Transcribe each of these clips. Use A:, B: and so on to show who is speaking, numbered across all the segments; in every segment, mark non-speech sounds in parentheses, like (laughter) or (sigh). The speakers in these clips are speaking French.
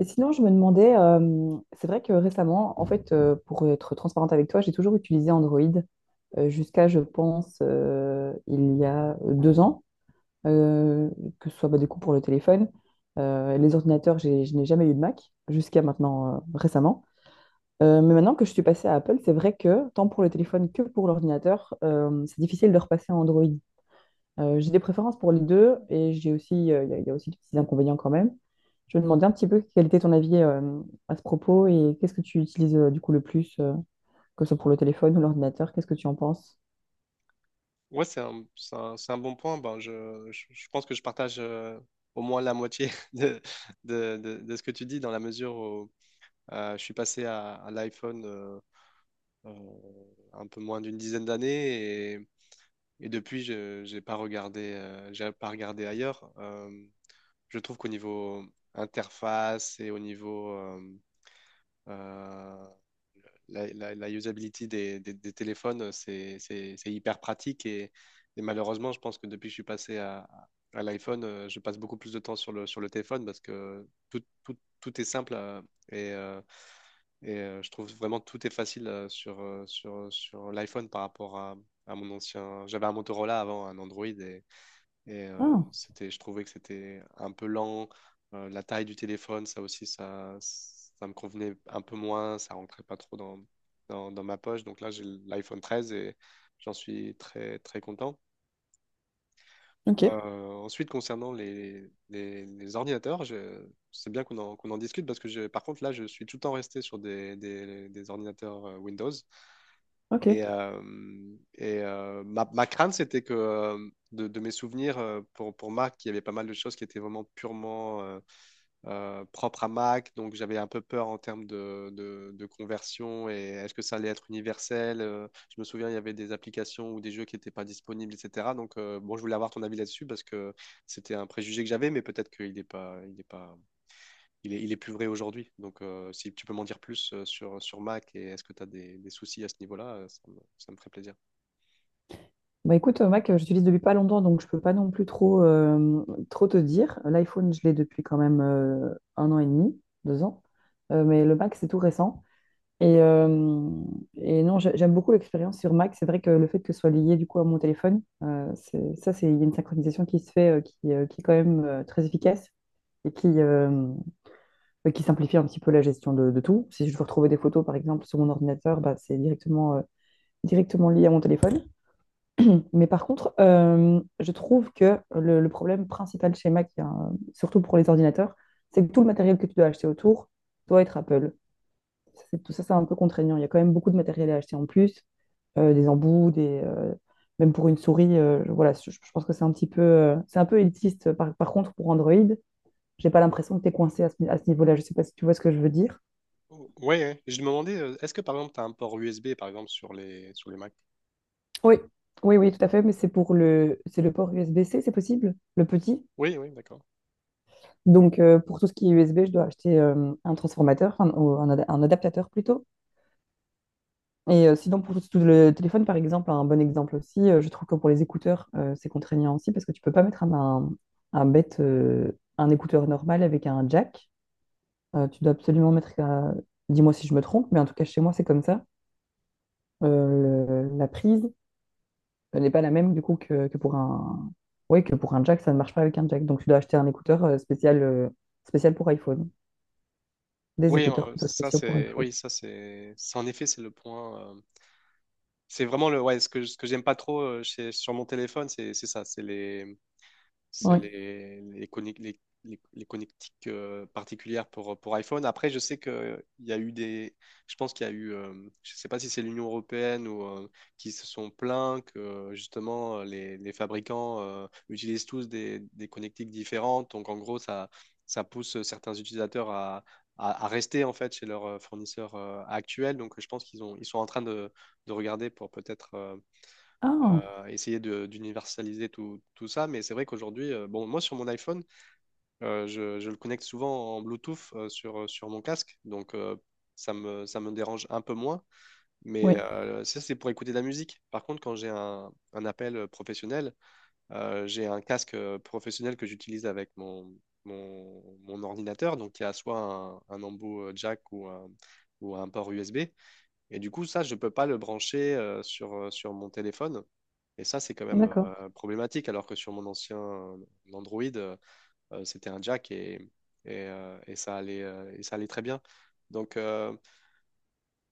A: Et sinon, je me demandais, c'est vrai que récemment, en fait, pour être transparente avec toi, j'ai toujours utilisé Android jusqu'à, je pense, il y a deux ans, euh, que ce soit bah, du coup pour le téléphone. Les ordinateurs, je n'ai jamais eu de Mac jusqu'à maintenant, récemment. Mais maintenant que je suis passée à Apple, c'est vrai que tant pour le téléphone que pour l'ordinateur, c'est difficile de repasser à Android. J'ai des préférences pour les deux et j'ai aussi, il y a aussi des petits inconvénients quand même. Je me demandais un petit peu quel était ton avis à ce propos et qu'est-ce que tu utilises du coup le plus, que ce soit pour le téléphone ou l'ordinateur, qu'est-ce que tu en penses?
B: Ouais, c'est un bon point. Je pense que je partage au moins la moitié (laughs) de ce que tu dis, dans la mesure où je suis passé à l'iPhone un peu moins d'une dizaine d'années et depuis, je j'ai pas regardé ailleurs. Je trouve qu'au niveau interface et au niveau euh, la usability des téléphones, c'est hyper pratique et malheureusement, je pense que depuis que je suis passé à l'iPhone, je passe beaucoup plus de temps sur le téléphone parce que tout est simple et, euh, et je trouve vraiment tout est facile sur l'iPhone par rapport à mon ancien. J'avais un Motorola avant, un Android et
A: Ah,
B: c'était, je trouvais que c'était un peu lent. La taille du téléphone, ça aussi, ça me convenait un peu moins. Ça rentrait pas trop dans ma poche. Donc là, j'ai l'iPhone 13 et j'en suis très, très content.
A: ok,
B: Euh, Ensuite, concernant les ordinateurs, c'est bien qu'on en, qu'on en discute parce que je- par contre, là, je suis tout le temps resté sur des ordinateurs Windows.
A: ok.
B: Et, euh, et ma crainte, c'était que de mes souvenirs, pour Mac, il y avait pas mal de choses qui étaient vraiment purement propres à Mac. Donc j'avais un peu peur en termes de conversion et est-ce que ça allait être universel? Je me souviens, il y avait des applications ou des jeux qui n'étaient pas disponibles, etc. Donc bon, je voulais avoir ton avis là-dessus parce que c'était un préjugé que j'avais, mais peut-être qu'il n'est pas, il est pas il est, il est plus vrai aujourd'hui. Donc, si tu peux m'en dire plus sur Mac et est-ce que tu as des soucis à ce niveau-là, ça me ferait plaisir.
A: Bah écoute, Mac, j'utilise depuis pas longtemps, donc je peux pas non plus trop, trop te dire. L'iPhone, je l'ai depuis quand même un an et demi, deux ans. Mais le Mac, c'est tout récent. Et, euh, et non, j'aime beaucoup l'expérience sur Mac. C'est vrai que le fait que ce soit lié du coup à mon téléphone, ça, c'est il y a une synchronisation qui se fait, qui est quand même très efficace et qui simplifie un petit peu la gestion de tout. Si je veux retrouver des photos, par exemple, sur mon ordinateur, bah, c'est directement, directement lié à mon téléphone. (clears throat) Mais par contre, je trouve que le problème principal chez Mac, hein, surtout pour les ordinateurs, c'est que tout le matériel que tu dois acheter autour doit être Apple, tout ça, c'est un peu contraignant. Il y a quand même beaucoup de matériel à acheter en plus, des embouts, même pour une souris. Voilà, je pense que c'est un petit peu, c'est un peu élitiste. Par contre, pour Android, j'ai pas l'impression que tu es coincé à ce niveau-là. Je sais pas si tu vois ce que je veux dire.
B: Ouais. Je me demandais, est-ce que par exemple, tu as un port USB par exemple sur les Mac?
A: Oui. Oui, oui, tout à
B: D'accord.
A: fait, mais c'est pour le, c'est le port USB-C, c'est possible, le petit.
B: Oui, oui, d'accord.
A: Donc, pour tout ce qui est USB, je dois acheter un transformateur, un, ou un ad- un adaptateur plutôt. Et sinon, pour tout le téléphone, par exemple, un bon exemple aussi, je trouve que pour les écouteurs, c'est contraignant aussi parce que tu peux pas mettre un bête, un écouteur normal avec un jack. Tu dois absolument mettre, dis-moi si je me trompe, mais en tout cas, chez moi, c'est comme ça. La prise n'est pas la même du coup que pour un... Ouais, que pour un jack, ça ne marche pas avec un jack. Donc, tu dois acheter un écouteur spécial, spécial pour iPhone. Des
B: Oui,
A: écouteurs plutôt spéciaux pour iPhone.
B: ça c'est, en effet, c'est le point. C'est vraiment le, ouais, ce que j'aime pas trop sur mon téléphone, c'est ça, c'est les, C'est
A: Oui.
B: les, connect les connectiques particulières pour iPhone. Après, je sais qu'il y a eu des. Je pense qu'il y a eu. Je sais pas si c'est l'Union européenne ou qui se sont plaints que justement les fabricants utilisent tous des connectiques différentes. Donc, en gros, ça pousse certains utilisateurs à rester en fait chez leur fournisseur actuel. Donc, je pense qu'ils ont, ils sont en train de regarder pour peut-être. euh,
A: Ah,
B: essayer de- d'universaliser tout ça, mais c'est vrai qu'aujourd'hui, bon, moi sur mon iPhone, je le connecte souvent en Bluetooth sur sur mon casque, donc ça me dérange un peu moins, mais
A: oui,
B: ça c'est pour écouter de la musique. Par contre, quand j'ai un appel professionnel, j'ai un casque professionnel que j'utilise avec mon ordinateur, donc il y a soit un embout jack ou un port USB. Et du coup, ça, je ne peux pas le brancher sur mon téléphone. Et ça, c'est quand même
A: d'accord.
B: problématique, alors que sur mon ancien Android, c'était un jack et et ça allait très bien. Donc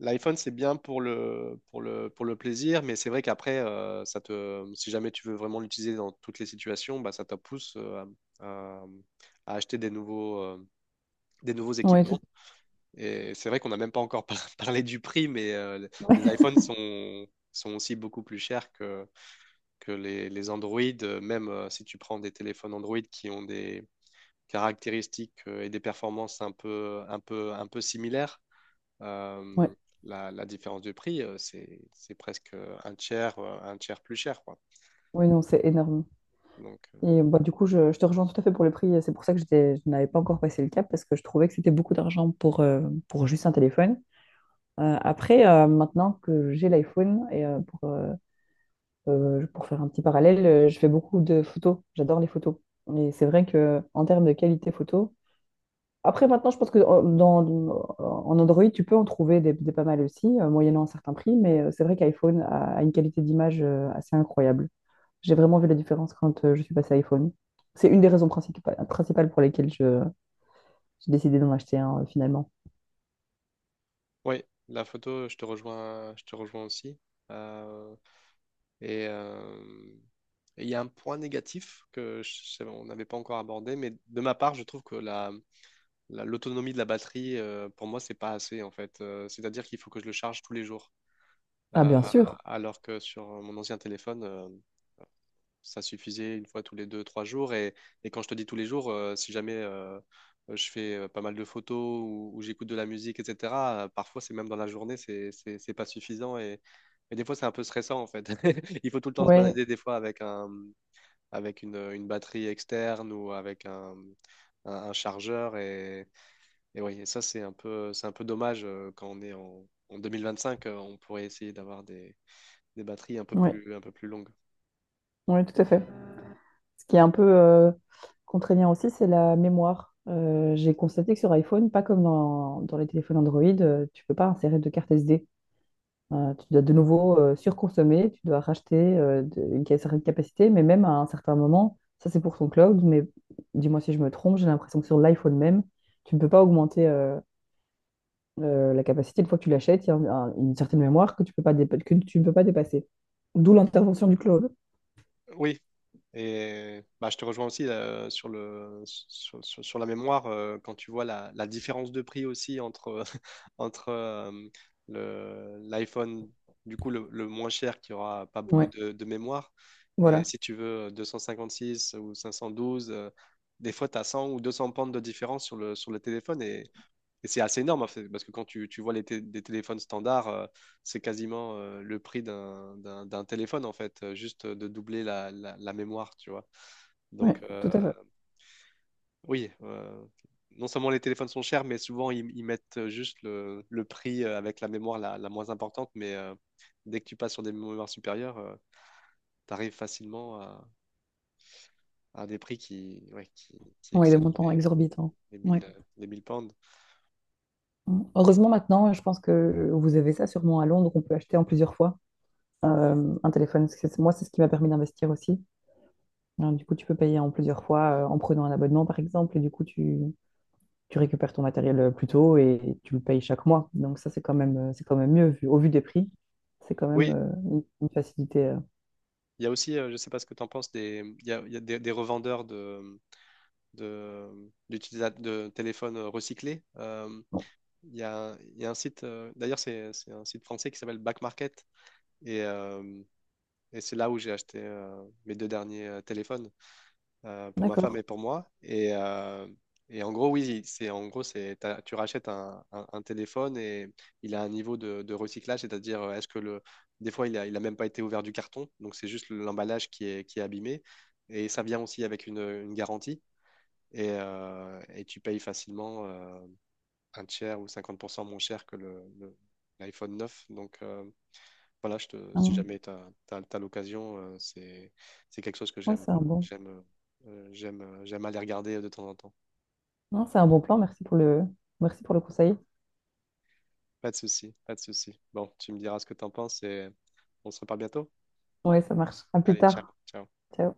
B: l'iPhone, c'est bien pour le plaisir, mais c'est vrai qu'après, si jamais tu veux vraiment l'utiliser dans toutes les situations, bah, ça te pousse à, à- à acheter des des nouveaux
A: Oui,
B: équipements.
A: tout...
B: Et c'est vrai qu'on n'a même pas encore (laughs) parlé du prix, mais les
A: (laughs)
B: iPhones sont aussi beaucoup plus chers que les Android, même si tu prends des téléphones Android qui ont des caractéristiques et des performances un peu similaires.
A: ouais.
B: euh, la différence de prix, c'est presque un tiers plus cher, quoi.
A: Oui, non, c'est énorme.
B: Donc,
A: Et bah, du coup, je te rejoins tout à fait pour le prix. C'est pour ça que je n'avais pas encore passé le cap parce que je trouvais que c'était beaucoup d'argent pour juste un téléphone. Après, maintenant que j'ai l'iPhone, et pour faire un petit parallèle, je fais beaucoup de photos. J'adore les photos. Et c'est vrai que en termes de qualité photo, après maintenant, je pense que en Android, tu peux en trouver des pas mal aussi, moyennant un certain prix, mais c'est vrai qu'iPhone a une qualité d'image assez incroyable. J'ai vraiment vu la différence quand je suis passée à iPhone. C'est une des raisons principales pour lesquelles j'ai décidé d'en acheter un finalement.
B: oui, la photo, je te rejoins aussi. Euh, Et euh, et il y a un point négatif que on n'avait pas encore abordé, mais de ma part, je trouve que l'autonomie de la batterie, pour moi, c'est pas assez en fait. C'est-à-dire qu'il faut que je le charge tous les jours.
A: Ah,
B: Euh,
A: bien sûr.
B: alors que sur mon ancien téléphone, ça suffisait une fois tous les deux, trois jours. Et quand je te dis tous les jours, si jamais je fais pas mal de photos ou j'écoute de la musique, etc., parfois c'est même dans la journée, c'est pas suffisant. Et des fois, c'est un peu stressant en fait. (laughs) Il faut tout le temps se
A: Oui,
B: balader des fois avec avec une batterie externe ou avec un chargeur. Et oui, et ça, c'est un peu dommage quand on est en 2025, on pourrait essayer d'avoir des batteries
A: oui,
B: un peu plus longues.
A: oui, tout à fait. Ce qui est un peu contraignant aussi, c'est la mémoire. J'ai constaté que sur iPhone, pas comme dans les téléphones Android, tu peux pas insérer de carte SD. Tu dois de nouveau surconsommer, tu dois racheter certaine capacité, mais même à un certain moment, ça c'est pour ton cloud, mais dis-moi si je me trompe, j'ai l'impression que sur l'iPhone même, tu ne peux pas augmenter la capacité. Une fois que tu l'achètes, il y a une certaine mémoire que tu peux pas dépa- que tu ne peux pas dépasser. D'où l'intervention du cloud.
B: Oui, et bah, je te rejoins aussi sur le, sur, sur- sur la mémoire, quand tu vois la différence de prix aussi entre, (laughs) entre l'iPhone, du coup le moins cher qui aura pas beaucoup
A: Ouais,
B: de mémoire, et
A: voilà.
B: si tu veux six ou 512, des fois tu as 100 ou 200 pentes de différence sur sur le téléphone, et c'est assez énorme, en fait, parce que quand tu vois des téléphones standards, c'est quasiment le prix d'un téléphone, en fait, juste de doubler la mémoire, tu vois.
A: Ouais,
B: Donc,
A: tout à fait.
B: oui, non seulement les téléphones sont chers, mais souvent, ils mettent juste le prix avec la mémoire la moins importante, mais dès que tu passes sur des mémoires supérieures, tu arrives facilement à des prix qui, ouais, qui
A: Ouais, des
B: excèdent
A: montants
B: les,
A: exorbitants. Ouais.
B: les 1000 pounds.
A: Heureusement maintenant, je pense que vous avez ça sûrement à Londres, on peut acheter en plusieurs fois un téléphone. Moi, c'est ce qui m'a permis d'investir aussi. Alors, du coup, tu peux payer en plusieurs fois en prenant un abonnement, par exemple, et du coup, tu récupères ton matériel plus tôt et tu le payes chaque mois. Donc ça, c'est quand même mieux vu, au vu des prix. C'est quand même
B: Oui,
A: une facilité.
B: il y a aussi, je ne sais pas ce que tu en penses, des, il y a des revendeurs d'de téléphones recyclés.
A: Bon,
B: Il y a un site, d'ailleurs, c'est un site français qui s'appelle Back Market. Et, euh, et c'est là où j'ai acheté mes deux derniers téléphones pour ma femme
A: d'accord.
B: et pour moi. Et en gros, oui, c'est tu rachètes un téléphone et il a un niveau de recyclage, c'est-à-dire est-ce que le des fois il a même pas été ouvert du carton, donc c'est juste l'emballage qui est abîmé et ça vient aussi avec une garantie et tu payes facilement un tiers ou 50% moins cher que l'iPhone 9. Donc voilà,
A: Ah
B: si
A: ouais.
B: jamais tu as l'occasion, c'est quelque chose que
A: Ouais,
B: j'aime,
A: c'est un bon,
B: j'aime aller regarder de temps en temps.
A: non, c'est un bon plan. Merci pour le conseil.
B: Pas de souci, pas de souci. Bon, tu me diras ce que tu en penses et on se reparle bientôt.
A: Oui, ça marche. À plus
B: Allez, ciao,
A: tard.
B: ciao.
A: Ciao.